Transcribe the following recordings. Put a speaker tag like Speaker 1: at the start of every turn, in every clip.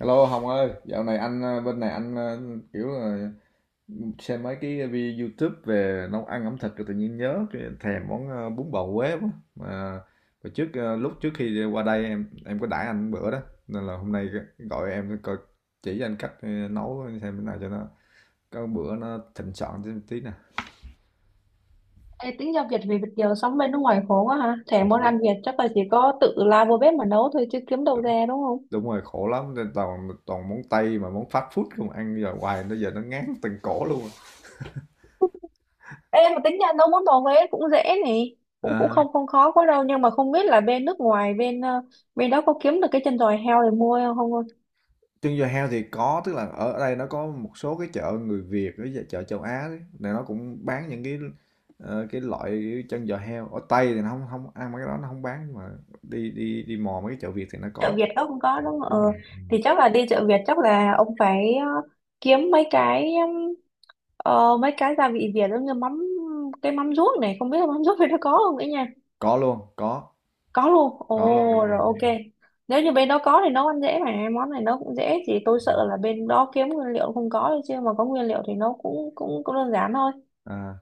Speaker 1: Hello Hồng ơi, dạo này anh, bên này anh, kiểu là xem mấy cái video YouTube về nấu ăn ẩm thực rồi tự nhiên nhớ cái thèm món bún bò Huế quá. Mà hồi trước, lúc trước khi qua đây em có đãi anh bữa đó nên là hôm nay gọi em coi chỉ cho anh cách nấu xem thế nào cho nó có bữa nó thịnh soạn tí, tí nè.
Speaker 2: Ê, tính giao Việt vì Việt kiều sống bên nước ngoài khổ quá ha. Thèm
Speaker 1: Khổ
Speaker 2: món
Speaker 1: lắm.
Speaker 2: ăn Việt chắc là chỉ có tự lao vô bếp mà nấu thôi chứ kiếm đâu ra đúng không?
Speaker 1: Đúng rồi, khổ lắm nên toàn toàn món Tây mà món fast food không ăn giờ hoài nó giờ nó ngán từng cổ luôn.
Speaker 2: Ê, mà tính ra nấu món bò Huế cũng dễ nè. Cũng cũng
Speaker 1: À,
Speaker 2: không không khó quá đâu, nhưng mà không biết là bên nước ngoài bên đó có kiếm được cái chân giò heo để mua không không? Ơi?
Speaker 1: Trưng giò heo thì có, tức là ở đây nó có một số cái chợ người Việt với chợ châu Á đấy, là nó cũng bán những cái loại chân giò heo. Ở Tây thì nó không không ăn mấy cái đó nó không bán nhưng mà đi đi đi mò mấy cái chợ Việt thì nó
Speaker 2: Chợ
Speaker 1: có.
Speaker 2: Việt đó không có đúng không? Ờ,
Speaker 1: Đúng rồi.
Speaker 2: thì chắc là đi chợ Việt chắc là ông phải kiếm mấy cái gia vị Việt giống như mắm, cái mắm ruốc này không biết là mắm ruốc bên đó có không ấy.
Speaker 1: Có luôn,
Speaker 2: Có luôn,
Speaker 1: có luôn, đúng
Speaker 2: ồ
Speaker 1: rồi,
Speaker 2: rồi,
Speaker 1: đúng rồi.
Speaker 2: ok. Nếu như bên đó có thì nấu ăn dễ mà, món này nấu cũng dễ, chỉ tôi sợ là bên đó kiếm nguyên liệu không có thôi chứ mà có nguyên liệu thì nấu cũng cũng cũng đơn giản thôi.
Speaker 1: À,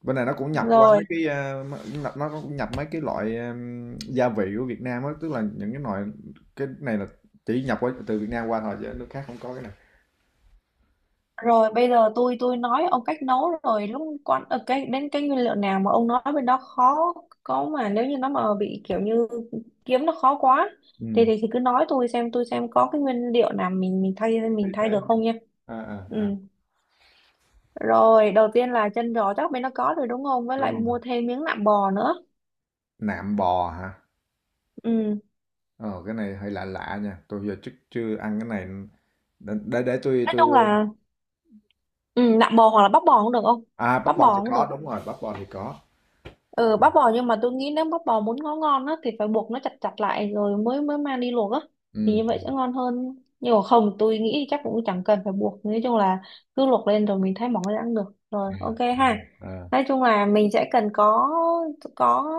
Speaker 1: bên này nó cũng nhập qua mấy
Speaker 2: Rồi,
Speaker 1: nó cũng nhập mấy cái loại gia vị của Việt Nam á, tức là những cái loại cái này là chỉ nhập qua từ Việt Nam qua thôi chứ nước khác không có cái này.
Speaker 2: rồi bây giờ tôi nói ông cách nấu, rồi lúc cái đến cái nguyên liệu nào mà ông nói bên đó khó có, mà nếu như nó mà bị kiểu như kiếm nó khó quá thì
Speaker 1: Ừ.
Speaker 2: thì, thì cứ nói, tôi xem có cái nguyên liệu nào mình mình thay
Speaker 1: Thay
Speaker 2: mình thay
Speaker 1: thế.
Speaker 2: được không nha.
Speaker 1: À, à,
Speaker 2: Ừ.
Speaker 1: à.
Speaker 2: Rồi, đầu tiên là chân giò chắc bên nó có rồi đúng không? Với
Speaker 1: Đúng
Speaker 2: lại
Speaker 1: không?
Speaker 2: mua thêm miếng nạm bò nữa.
Speaker 1: Nạm bò hả?
Speaker 2: Ừ.
Speaker 1: Ờ, cái này hơi lạ lạ nha, tôi giờ trước chưa ăn cái này, để tôi
Speaker 2: Nói
Speaker 1: tôi
Speaker 2: chung là, ừ, nạm bò hoặc là bắp bò cũng được không?
Speaker 1: À, bắp
Speaker 2: Bắp
Speaker 1: bò thì
Speaker 2: bò cũng
Speaker 1: có,
Speaker 2: được.
Speaker 1: đúng rồi, bắp bò thì có.
Speaker 2: Ừ, bắp bò nhưng mà tôi nghĩ nếu bắp bò muốn ngon ngon á thì phải buộc nó chặt chặt lại rồi mới mới mang đi luộc á. Thì
Speaker 1: Ừm,
Speaker 2: như vậy sẽ ngon hơn. Nhưng mà không, tôi nghĩ chắc cũng chẳng cần phải buộc. Nói chung là cứ luộc lên rồi mình thái mỏng ra ăn được. Rồi, ok ha.
Speaker 1: à, à,
Speaker 2: Nói chung là mình sẽ cần có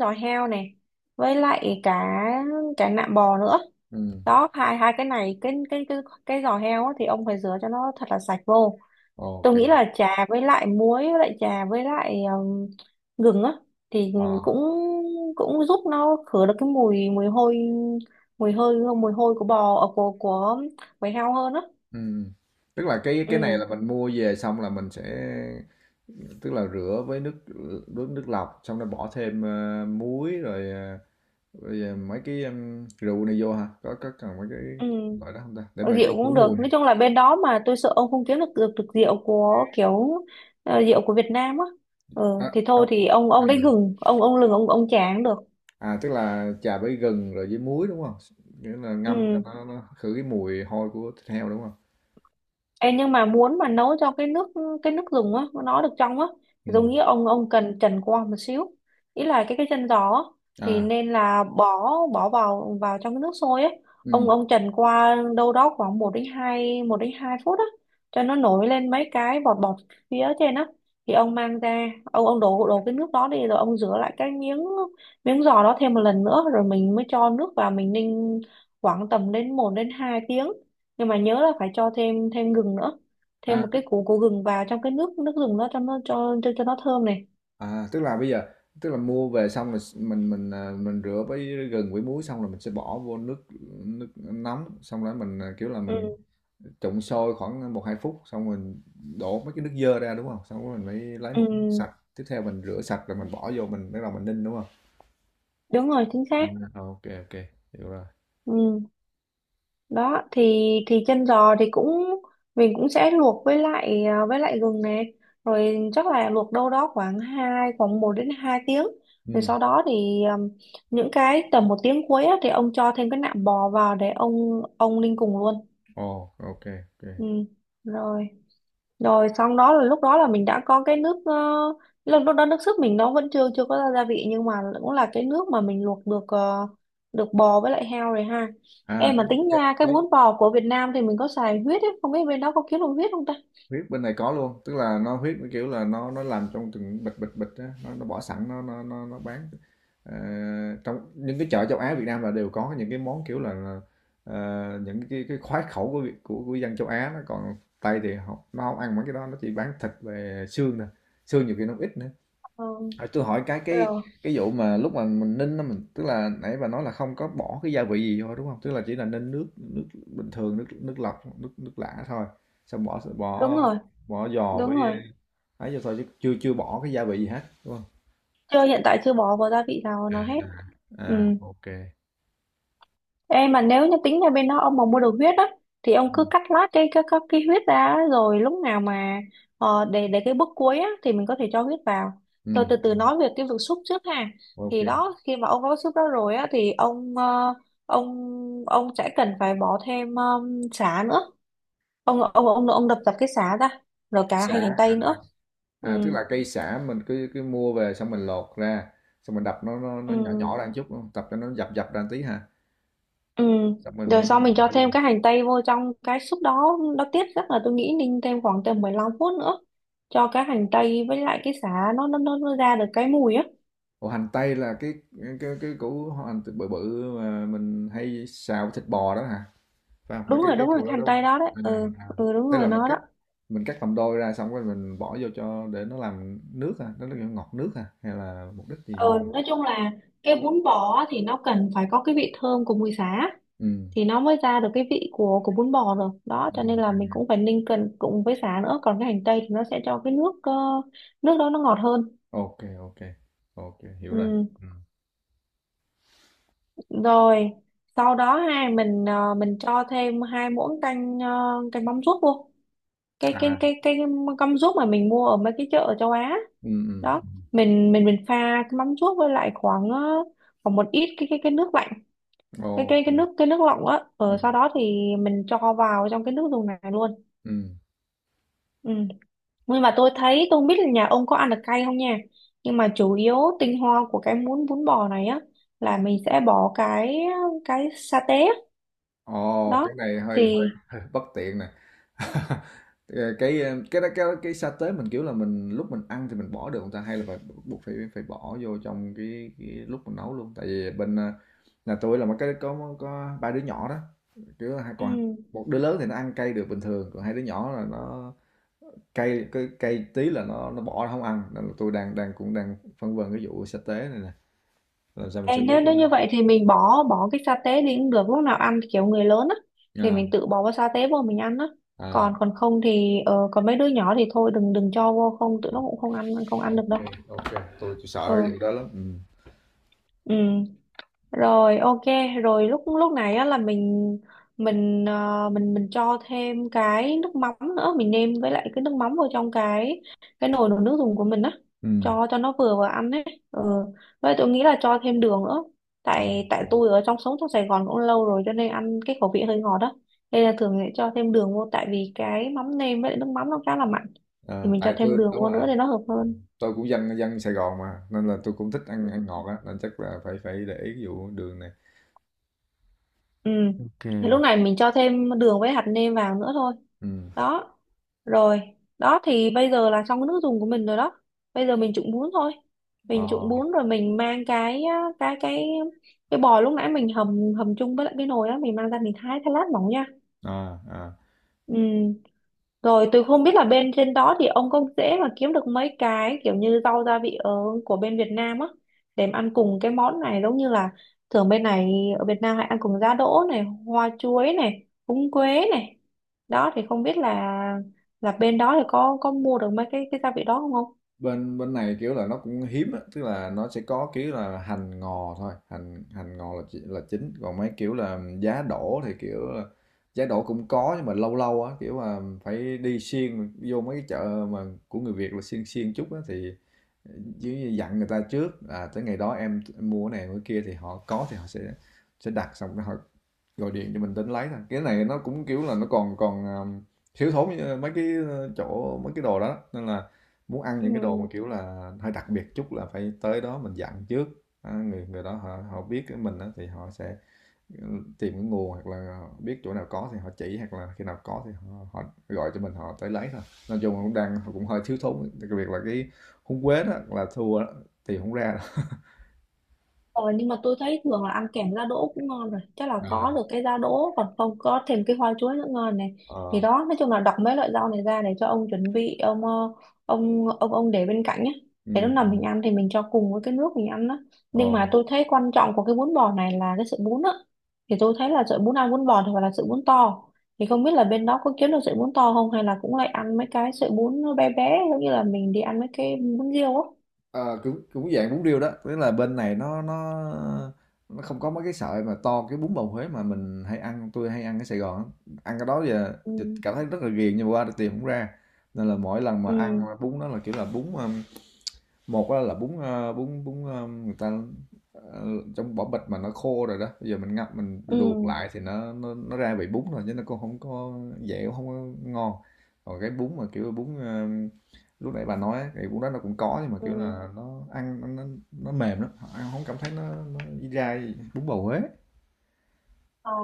Speaker 2: giò heo này với lại cả cả nạm bò nữa. Đó, hai hai cái này, cái giò heo á, thì ông phải rửa cho nó thật là sạch vô. Tôi
Speaker 1: ok.
Speaker 2: nghĩ là trà với lại muối với lại trà với lại gừng á thì
Speaker 1: Ờ.
Speaker 2: cũng cũng giúp nó khử được cái mùi mùi hôi mùi hơi mùi hôi của bò, của bầy heo hơn á.
Speaker 1: Ừm. Tức là cái
Speaker 2: Ừ,
Speaker 1: này là mình mua về xong là mình sẽ tức là rửa với nước nước nước lọc xong rồi bỏ thêm muối rồi, mấy cái rượu này vô hả? Có cần mấy cái
Speaker 2: ừ.
Speaker 1: loại đó không ta? Để mà
Speaker 2: Rượu
Speaker 1: cái khử
Speaker 2: cũng
Speaker 1: mùi.
Speaker 2: được, nói chung là bên đó mà tôi sợ ông không kiếm được, được rượu của Việt Nam á. Ừ, thì thôi
Speaker 1: À,
Speaker 2: thì ông lấy gừng, ông lừng, ông trà được.
Speaker 1: à, tức là chà với gừng rồi với muối, đúng không? Nghĩa là ngâm cho
Speaker 2: Ừ.
Speaker 1: nó khử cái mùi hôi của thịt heo, đúng không?
Speaker 2: Ê, nhưng mà muốn mà nấu cho cái nước dùng á nó được trong á, giống
Speaker 1: Ừm,
Speaker 2: như ông cần trần qua một xíu, ý là cái chân giò á, thì
Speaker 1: à,
Speaker 2: nên là bỏ bỏ vào vào trong cái nước sôi á.
Speaker 1: ừm,
Speaker 2: Ông trần qua đâu đó khoảng một đến hai phút á, cho nó nổi lên mấy cái bọt bọt phía trên á, thì ông mang ra, ông đổ đổ cái nước đó đi, rồi ông rửa lại cái miếng miếng giò đó thêm một lần nữa, rồi mình mới cho nước vào mình ninh khoảng tầm một đến hai tiếng. Nhưng mà nhớ là phải cho thêm thêm gừng nữa, thêm
Speaker 1: à,
Speaker 2: một
Speaker 1: tức
Speaker 2: cái củ củ gừng vào trong cái nước nước gừng đó cho nó, cho nó thơm này.
Speaker 1: tức là bây giờ tức là mua về xong rồi s mình, à, mình rửa với gừng với muối xong rồi mình sẽ bỏ vô nước nước nóng, xong rồi mình, kiểu là, mình
Speaker 2: Ừ,
Speaker 1: trụng sôi khoảng một hai phút, xong mình đổ mấy cái nước dơ ra, đúng không? Xong rồi mình mới lấy
Speaker 2: ừ,
Speaker 1: một cái nước sạch, tiếp theo mình rửa sạch rồi mình bỏ vô mình bắt đầu mình ninh, đúng không?
Speaker 2: đúng rồi, chính
Speaker 1: À,
Speaker 2: xác.
Speaker 1: ok kê, hiểu rồi.
Speaker 2: Ừ. Đó thì chân giò thì cũng, mình cũng sẽ luộc với lại, à, với lại gừng này, rồi chắc là luộc đâu đó khoảng 1 đến 2 tiếng, rồi
Speaker 1: Ừm.
Speaker 2: sau đó thì, những cái tầm 1 tiếng cuối á, thì ông cho thêm cái nạm bò vào để ông ninh cùng luôn.
Speaker 1: Ồ, ok, ok.
Speaker 2: Ừ. Rồi, rồi xong đó là lúc đó là mình đã có cái lúc lúc đó nước súp mình nó vẫn chưa chưa có gia vị, nhưng mà cũng là cái nước mà mình luộc được bò với lại heo rồi ha.
Speaker 1: À,
Speaker 2: Em
Speaker 1: cái
Speaker 2: mà tính
Speaker 1: cái
Speaker 2: nha, cái
Speaker 1: cái
Speaker 2: bún bò của Việt Nam thì mình có xài huyết ấy, không biết bên đó có kiếm được huyết không ta.
Speaker 1: huyết bên này có luôn, tức là nó huyết kiểu là nó làm trong từng bịch bịch bịch á, nó bỏ sẵn nó bán. Ờ, trong những cái chợ châu Á Việt Nam là đều có những cái món kiểu là, ờ, những cái khoái khẩu của của dân châu Á nó còn Tây thì họ nó không ăn mấy cái đó nó chỉ bán thịt về xương nè, xương nhiều khi nó ít nữa.
Speaker 2: Ờ,
Speaker 1: À, tôi hỏi cái cái
Speaker 2: rồi,
Speaker 1: cái vụ mà lúc mà mình ninh á mình tức là nãy bà nói là không có bỏ cái gia vị gì vô đúng không? Tức là chỉ là ninh nước nước bình thường nước nước lọc nước nước lã thôi. Xong bỏ
Speaker 2: đúng
Speaker 1: bỏ
Speaker 2: rồi,
Speaker 1: bỏ giò
Speaker 2: đúng
Speaker 1: với
Speaker 2: rồi.
Speaker 1: ấy vô thôi chứ chưa chưa bỏ cái gia vị gì hết đúng không?
Speaker 2: Chưa, hiện tại chưa bỏ vào gia vị nào nó hết. Ừ.
Speaker 1: À, ok.
Speaker 2: Ê mà nếu như tính ra bên đó ông mà mua được huyết á, thì ông cứ cắt lát cái huyết ra á, rồi lúc nào mà, để cái bước cuối á thì mình có thể cho huyết vào.
Speaker 1: Ừ,
Speaker 2: Tôi từ từ nói về cái việc xúc trước ha. Thì
Speaker 1: ok.
Speaker 2: đó, khi mà ông có xúc đó rồi á thì ông ờ, ông ông sẽ cần phải bỏ thêm, sả nữa. Ông đập dập cái sả ra, rồi cả
Speaker 1: Sả,
Speaker 2: hành hành
Speaker 1: à,
Speaker 2: tây nữa. Ừ,
Speaker 1: tức là cây sả mình cứ cứ mua về xong mình lột ra xong mình đập nó
Speaker 2: ừ.
Speaker 1: nhỏ nhỏ ra một chút đúng không? Tập cho nó dập dập ra một tí ha.
Speaker 2: Ừ.
Speaker 1: Xong mình
Speaker 2: Rồi
Speaker 1: mới
Speaker 2: sau mình cho
Speaker 1: bỏ vô.
Speaker 2: thêm cái hành tây vô trong cái súp đó nó tiết, chắc là tôi nghĩ ninh thêm khoảng tầm 15 phút nữa cho cái hành tây với lại cái sả nó, nó ra được cái mùi á.
Speaker 1: Ủa, hành tây là cái củ hành bự bự mà mình hay xào với thịt bò đó hả? Phải không? Phải
Speaker 2: Đúng
Speaker 1: cái
Speaker 2: rồi,
Speaker 1: cái
Speaker 2: đúng rồi,
Speaker 1: củ
Speaker 2: cái
Speaker 1: đó
Speaker 2: hành
Speaker 1: đúng không?
Speaker 2: tây đó đấy,
Speaker 1: À,
Speaker 2: ừ
Speaker 1: à.
Speaker 2: ừ, đúng
Speaker 1: Tức
Speaker 2: rồi,
Speaker 1: là mình
Speaker 2: nó
Speaker 1: cắt
Speaker 2: đó.
Speaker 1: mình cắt làm đôi ra xong rồi mình bỏ vô cho để nó làm nước à, nó là ngọt nước à hay là mục đích gì
Speaker 2: Ừ,
Speaker 1: nhỉ?
Speaker 2: nói chung là cái bún bò á thì nó cần phải có cái vị thơm của mùi sả
Speaker 1: Ừ.
Speaker 2: thì nó mới ra được cái vị của bún bò, rồi đó cho
Speaker 1: Ừ.
Speaker 2: nên là mình cũng phải ninh cần cùng với sả nữa, còn cái hành tây thì nó sẽ cho nước đó nó ngọt hơn.
Speaker 1: Ok, ok. Ok, hiểu rồi.
Speaker 2: Ừ.
Speaker 1: Ừ.
Speaker 2: Rồi sau đó ha, mình cho thêm hai muỗng canh mắm ruốc vô, cái cái
Speaker 1: À.
Speaker 2: cái cái mắm ruốc mà mình mua ở mấy cái chợ ở châu Á
Speaker 1: Ừ, ừ.
Speaker 2: đó, mình pha cái mắm ruốc với lại khoảng một ít cái nước lạnh, cái
Speaker 1: Ồ.
Speaker 2: cái cái nước cái nước lọc á,
Speaker 1: Ừ.
Speaker 2: ở sau đó thì mình cho vào trong cái nước dùng này luôn.
Speaker 1: Ừ.
Speaker 2: Ừ. Nhưng mà tôi thấy, tôi không biết là nhà ông có ăn được cay không nha, nhưng mà chủ yếu tinh hoa của cái muỗng bún bò này á là mình sẽ bỏ cái sa tế.
Speaker 1: Ồ,
Speaker 2: Đó
Speaker 1: cái này hơi hơi
Speaker 2: thì,
Speaker 1: hơi bất tiện nè. Cái sa tế mình kiểu là mình lúc mình ăn thì mình bỏ được không ta hay là phải buộc phải phải bỏ vô trong cái lúc mình nấu luôn tại vì bên nhà tôi là một cái có ba đứa nhỏ đó chứ hai
Speaker 2: ừ.
Speaker 1: còn một đứa lớn thì nó ăn cay được bình thường còn hai đứa nhỏ là nó cay cái cay tí là nó bỏ nó không ăn nên là tôi đang đang cũng đang phân vân cái vụ sa tế này nè làm sao mình
Speaker 2: Ê,
Speaker 1: xử lý
Speaker 2: nếu
Speaker 1: cho
Speaker 2: nếu
Speaker 1: nó.
Speaker 2: như vậy thì mình bỏ bỏ cái sa tế đi cũng được, lúc nào ăn thì kiểu người lớn á thì
Speaker 1: À,
Speaker 2: mình tự bỏ vào sa tế vô mình ăn á,
Speaker 1: à,
Speaker 2: còn còn không thì, còn mấy đứa nhỏ thì thôi đừng đừng cho vô, không tụi nó
Speaker 1: ok,
Speaker 2: cũng không ăn được đâu.
Speaker 1: ok, tôi sợ cái
Speaker 2: Ờ,
Speaker 1: vụ đó lắm. Ừ,
Speaker 2: ừ, rồi, ok. Rồi lúc lúc này á là mình, mình cho thêm cái nước mắm nữa, mình nêm với lại cái nước mắm vào trong cái nồi nồi nước dùng của mình á,
Speaker 1: ừ,
Speaker 2: cho nó vừa vào ăn ấy. Ừ. Vậy tôi nghĩ là cho thêm đường nữa, tại tại
Speaker 1: ok.
Speaker 2: tôi ở trong sống trong Sài Gòn cũng lâu rồi cho nên ăn cái khẩu vị hơi ngọt đó, nên là thường sẽ cho thêm đường vô tại vì cái mắm nêm với lại nước mắm nó khá là mặn, thì
Speaker 1: À,
Speaker 2: mình cho
Speaker 1: tại
Speaker 2: thêm
Speaker 1: tôi
Speaker 2: đường
Speaker 1: đúng
Speaker 2: vô
Speaker 1: rồi
Speaker 2: nữa để nó hợp hơn.
Speaker 1: tôi cũng dân dân Sài Gòn mà nên là tôi cũng thích ăn ăn ngọt á nên chắc là phải phải để ý cái vụ đường này.
Speaker 2: Ừ.
Speaker 1: Ok.
Speaker 2: Thì lúc này mình cho thêm đường với hạt nêm vào nữa thôi.
Speaker 1: Ừ.
Speaker 2: Đó. Rồi, đó thì bây giờ là xong cái nước dùng của mình rồi đó, bây giờ mình trụng bún thôi, mình trụng
Speaker 1: Ờ,
Speaker 2: bún rồi mình mang cái cái cái bò lúc nãy mình hầm hầm chung với lại cái nồi á, mình mang ra mình thái thái lát mỏng nha.
Speaker 1: à, à.
Speaker 2: Ừ. Rồi tôi không biết là bên trên đó thì ông có dễ mà kiếm được mấy cái kiểu như rau gia vị ở của bên Việt Nam á để mà ăn cùng cái món này, giống như là thường bên này ở Việt Nam hay ăn cùng giá đỗ này, hoa chuối này, húng quế này. Đó thì không biết là bên đó thì có mua được mấy cái gia vị đó không không?
Speaker 1: Bên bên này kiểu là nó cũng hiếm á tức là nó sẽ có kiểu là hành ngò thôi, hành hành ngò là là chính còn mấy kiểu là giá đỗ thì kiểu là giá đỗ cũng có nhưng mà lâu lâu á kiểu là phải đi xuyên vô mấy cái chợ mà của người Việt là xuyên xuyên chút á thì chứ dặn người ta trước à, tới ngày đó em mua cái này mua cái kia thì họ có thì họ sẽ đặt xong rồi họ gọi điện cho mình đến lấy thôi, cái này nó cũng kiểu là nó còn còn thiếu thốn như mấy cái chỗ mấy cái đồ đó nên là muốn ăn những cái đồ mà
Speaker 2: Ừ.
Speaker 1: kiểu là hơi đặc biệt chút là phải tới đó mình dặn trước, à, người người đó họ họ biết cái mình á thì họ sẽ tìm cái nguồn hoặc là biết chỗ nào có thì họ chỉ hoặc là khi nào có thì họ họ gọi cho mình họ tới lấy thôi. Nói chung là cũng đang cũng hơi thiếu thốn, đặc biệt là cái húng quế đó là thua đó, tìm hổng ra đâu.
Speaker 2: Ờ, nhưng mà tôi thấy thường là ăn kèm giá đỗ cũng ngon rồi, chắc là
Speaker 1: À.
Speaker 2: có được cái giá đỗ, còn không có thêm cái hoa chuối nữa ngon này. Thì
Speaker 1: Ờ,
Speaker 2: đó, nói chung là đọc mấy loại rau này ra để cho ông chuẩn bị, ông ờ, ông để bên cạnh nhé, để lúc
Speaker 1: ừm,
Speaker 2: nào
Speaker 1: ừm,
Speaker 2: mình ăn thì mình cho cùng với cái nước mình ăn đó. Nhưng
Speaker 1: ờ,
Speaker 2: mà tôi thấy quan trọng của cái bún bò này là cái sợi bún á, thì tôi thấy là sợi bún ăn bún bò thì phải là sợi bún to, thì không biết là bên đó có kiếm được sợi bún to không, hay là cũng lại ăn mấy cái sợi bún nó bé bé giống như là mình đi ăn mấy cái bún riêu á.
Speaker 1: ờ, cũng cũng dạng bún riêu đó, tức là bên này nó không có mấy cái sợi mà to cái bún bầu Huế mà mình hay ăn, tôi hay ăn ở Sài Gòn á. Ăn cái đó giờ
Speaker 2: Ừ,
Speaker 1: thì cảm thấy rất là ghiền nhưng mà qua thì tìm không ra, nên là mỗi lần mà ăn
Speaker 2: ừ,
Speaker 1: bún đó là, kiểu là, bún, một á là bún, bún, người ta, ờ, trong vỏ bịch mà nó khô rồi đó, bây giờ mình ngập mình luộc
Speaker 2: ừ,
Speaker 1: lại thì nó ra vị bún rồi, chứ nó cũng không có dẻo không có ngon. Còn cái bún mà, kiểu, bún, lúc nãy bà nói á, thì bún đó nó cũng có nhưng mà, kiểu
Speaker 2: ừ.
Speaker 1: là, nó ăn nó mềm lắm, ăn không cảm thấy nó dai, bún bầu Huế.
Speaker 2: Ờ,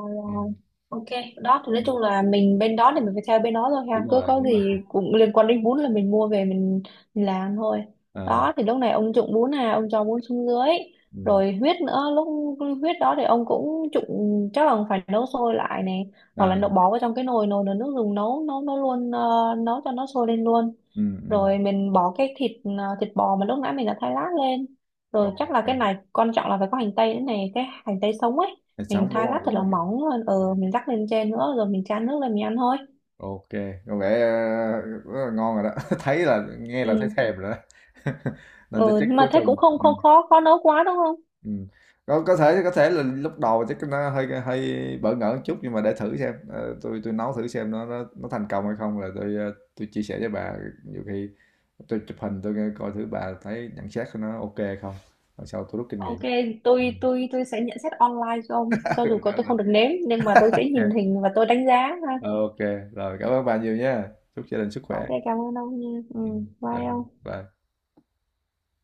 Speaker 2: ok. Đó thì nói chung là mình bên đó thì mình phải theo bên đó thôi
Speaker 1: Đúng
Speaker 2: ha, cứ
Speaker 1: rồi,
Speaker 2: có
Speaker 1: đúng rồi.
Speaker 2: gì cũng liên quan đến bún là mình mua về mình làm thôi.
Speaker 1: À,
Speaker 2: Đó thì lúc này ông trụng bún, à, ông cho bún xuống dưới,
Speaker 1: ừm,
Speaker 2: rồi huyết nữa, lúc huyết đó thì ông cũng trụng, chắc là phải nấu sôi lại này, hoặc là
Speaker 1: à,
Speaker 2: nấu bỏ vào trong cái nồi nồi nồi nước dùng nấu nấu nấu luôn, nấu cho nó sôi lên luôn,
Speaker 1: ừm, ừm,
Speaker 2: rồi mình bỏ thịt bò mà lúc nãy mình đã thái lát lên, rồi chắc
Speaker 1: ô
Speaker 2: là
Speaker 1: kê.
Speaker 2: cái này quan trọng là phải có hành tây nữa này, cái hành tây sống ấy,
Speaker 1: Thịt
Speaker 2: mình
Speaker 1: sống, đúng
Speaker 2: thái lát
Speaker 1: hông?
Speaker 2: thật
Speaker 1: Đúng
Speaker 2: là
Speaker 1: hông?
Speaker 2: mỏng lên, ừ, mình rắc lên trên nữa, rồi mình chan nước lên mình ăn thôi.
Speaker 1: Ok, có vẻ rất là ngon rồi đó. Thấy là nghe là
Speaker 2: Ừ.
Speaker 1: thấy thèm rồi đó. Nên tôi
Speaker 2: Ừ,
Speaker 1: check
Speaker 2: mà
Speaker 1: cuối
Speaker 2: thế cũng
Speaker 1: tuần.
Speaker 2: không
Speaker 1: Ừ.
Speaker 2: không khó khó nấu quá đúng không?
Speaker 1: Ừ. Có thể là lúc đầu chắc nó hơi hơi bỡ ngỡ một chút nhưng mà để thử xem. Ờ, tôi nấu thử xem nó thành công hay không là tôi chia sẻ với bà, nhiều khi tôi chụp hình tôi coi thử bà thấy nhận xét của nó ok hay không. Rồi sau tôi rút kinh
Speaker 2: Ok,
Speaker 1: nghiệm.
Speaker 2: tôi sẽ nhận xét online cho ông, cho dù có tôi không được nếm nhưng mà tôi sẽ nhìn
Speaker 1: Ok.
Speaker 2: hình và tôi đánh giá ha.
Speaker 1: Ờ, ok, rồi cảm ơn bà nhiều nha. Chúc gia đình sức khỏe.
Speaker 2: Ok, cảm ơn ông nha. Ừ.
Speaker 1: Ừ. Rồi,
Speaker 2: Bye ông.
Speaker 1: bye.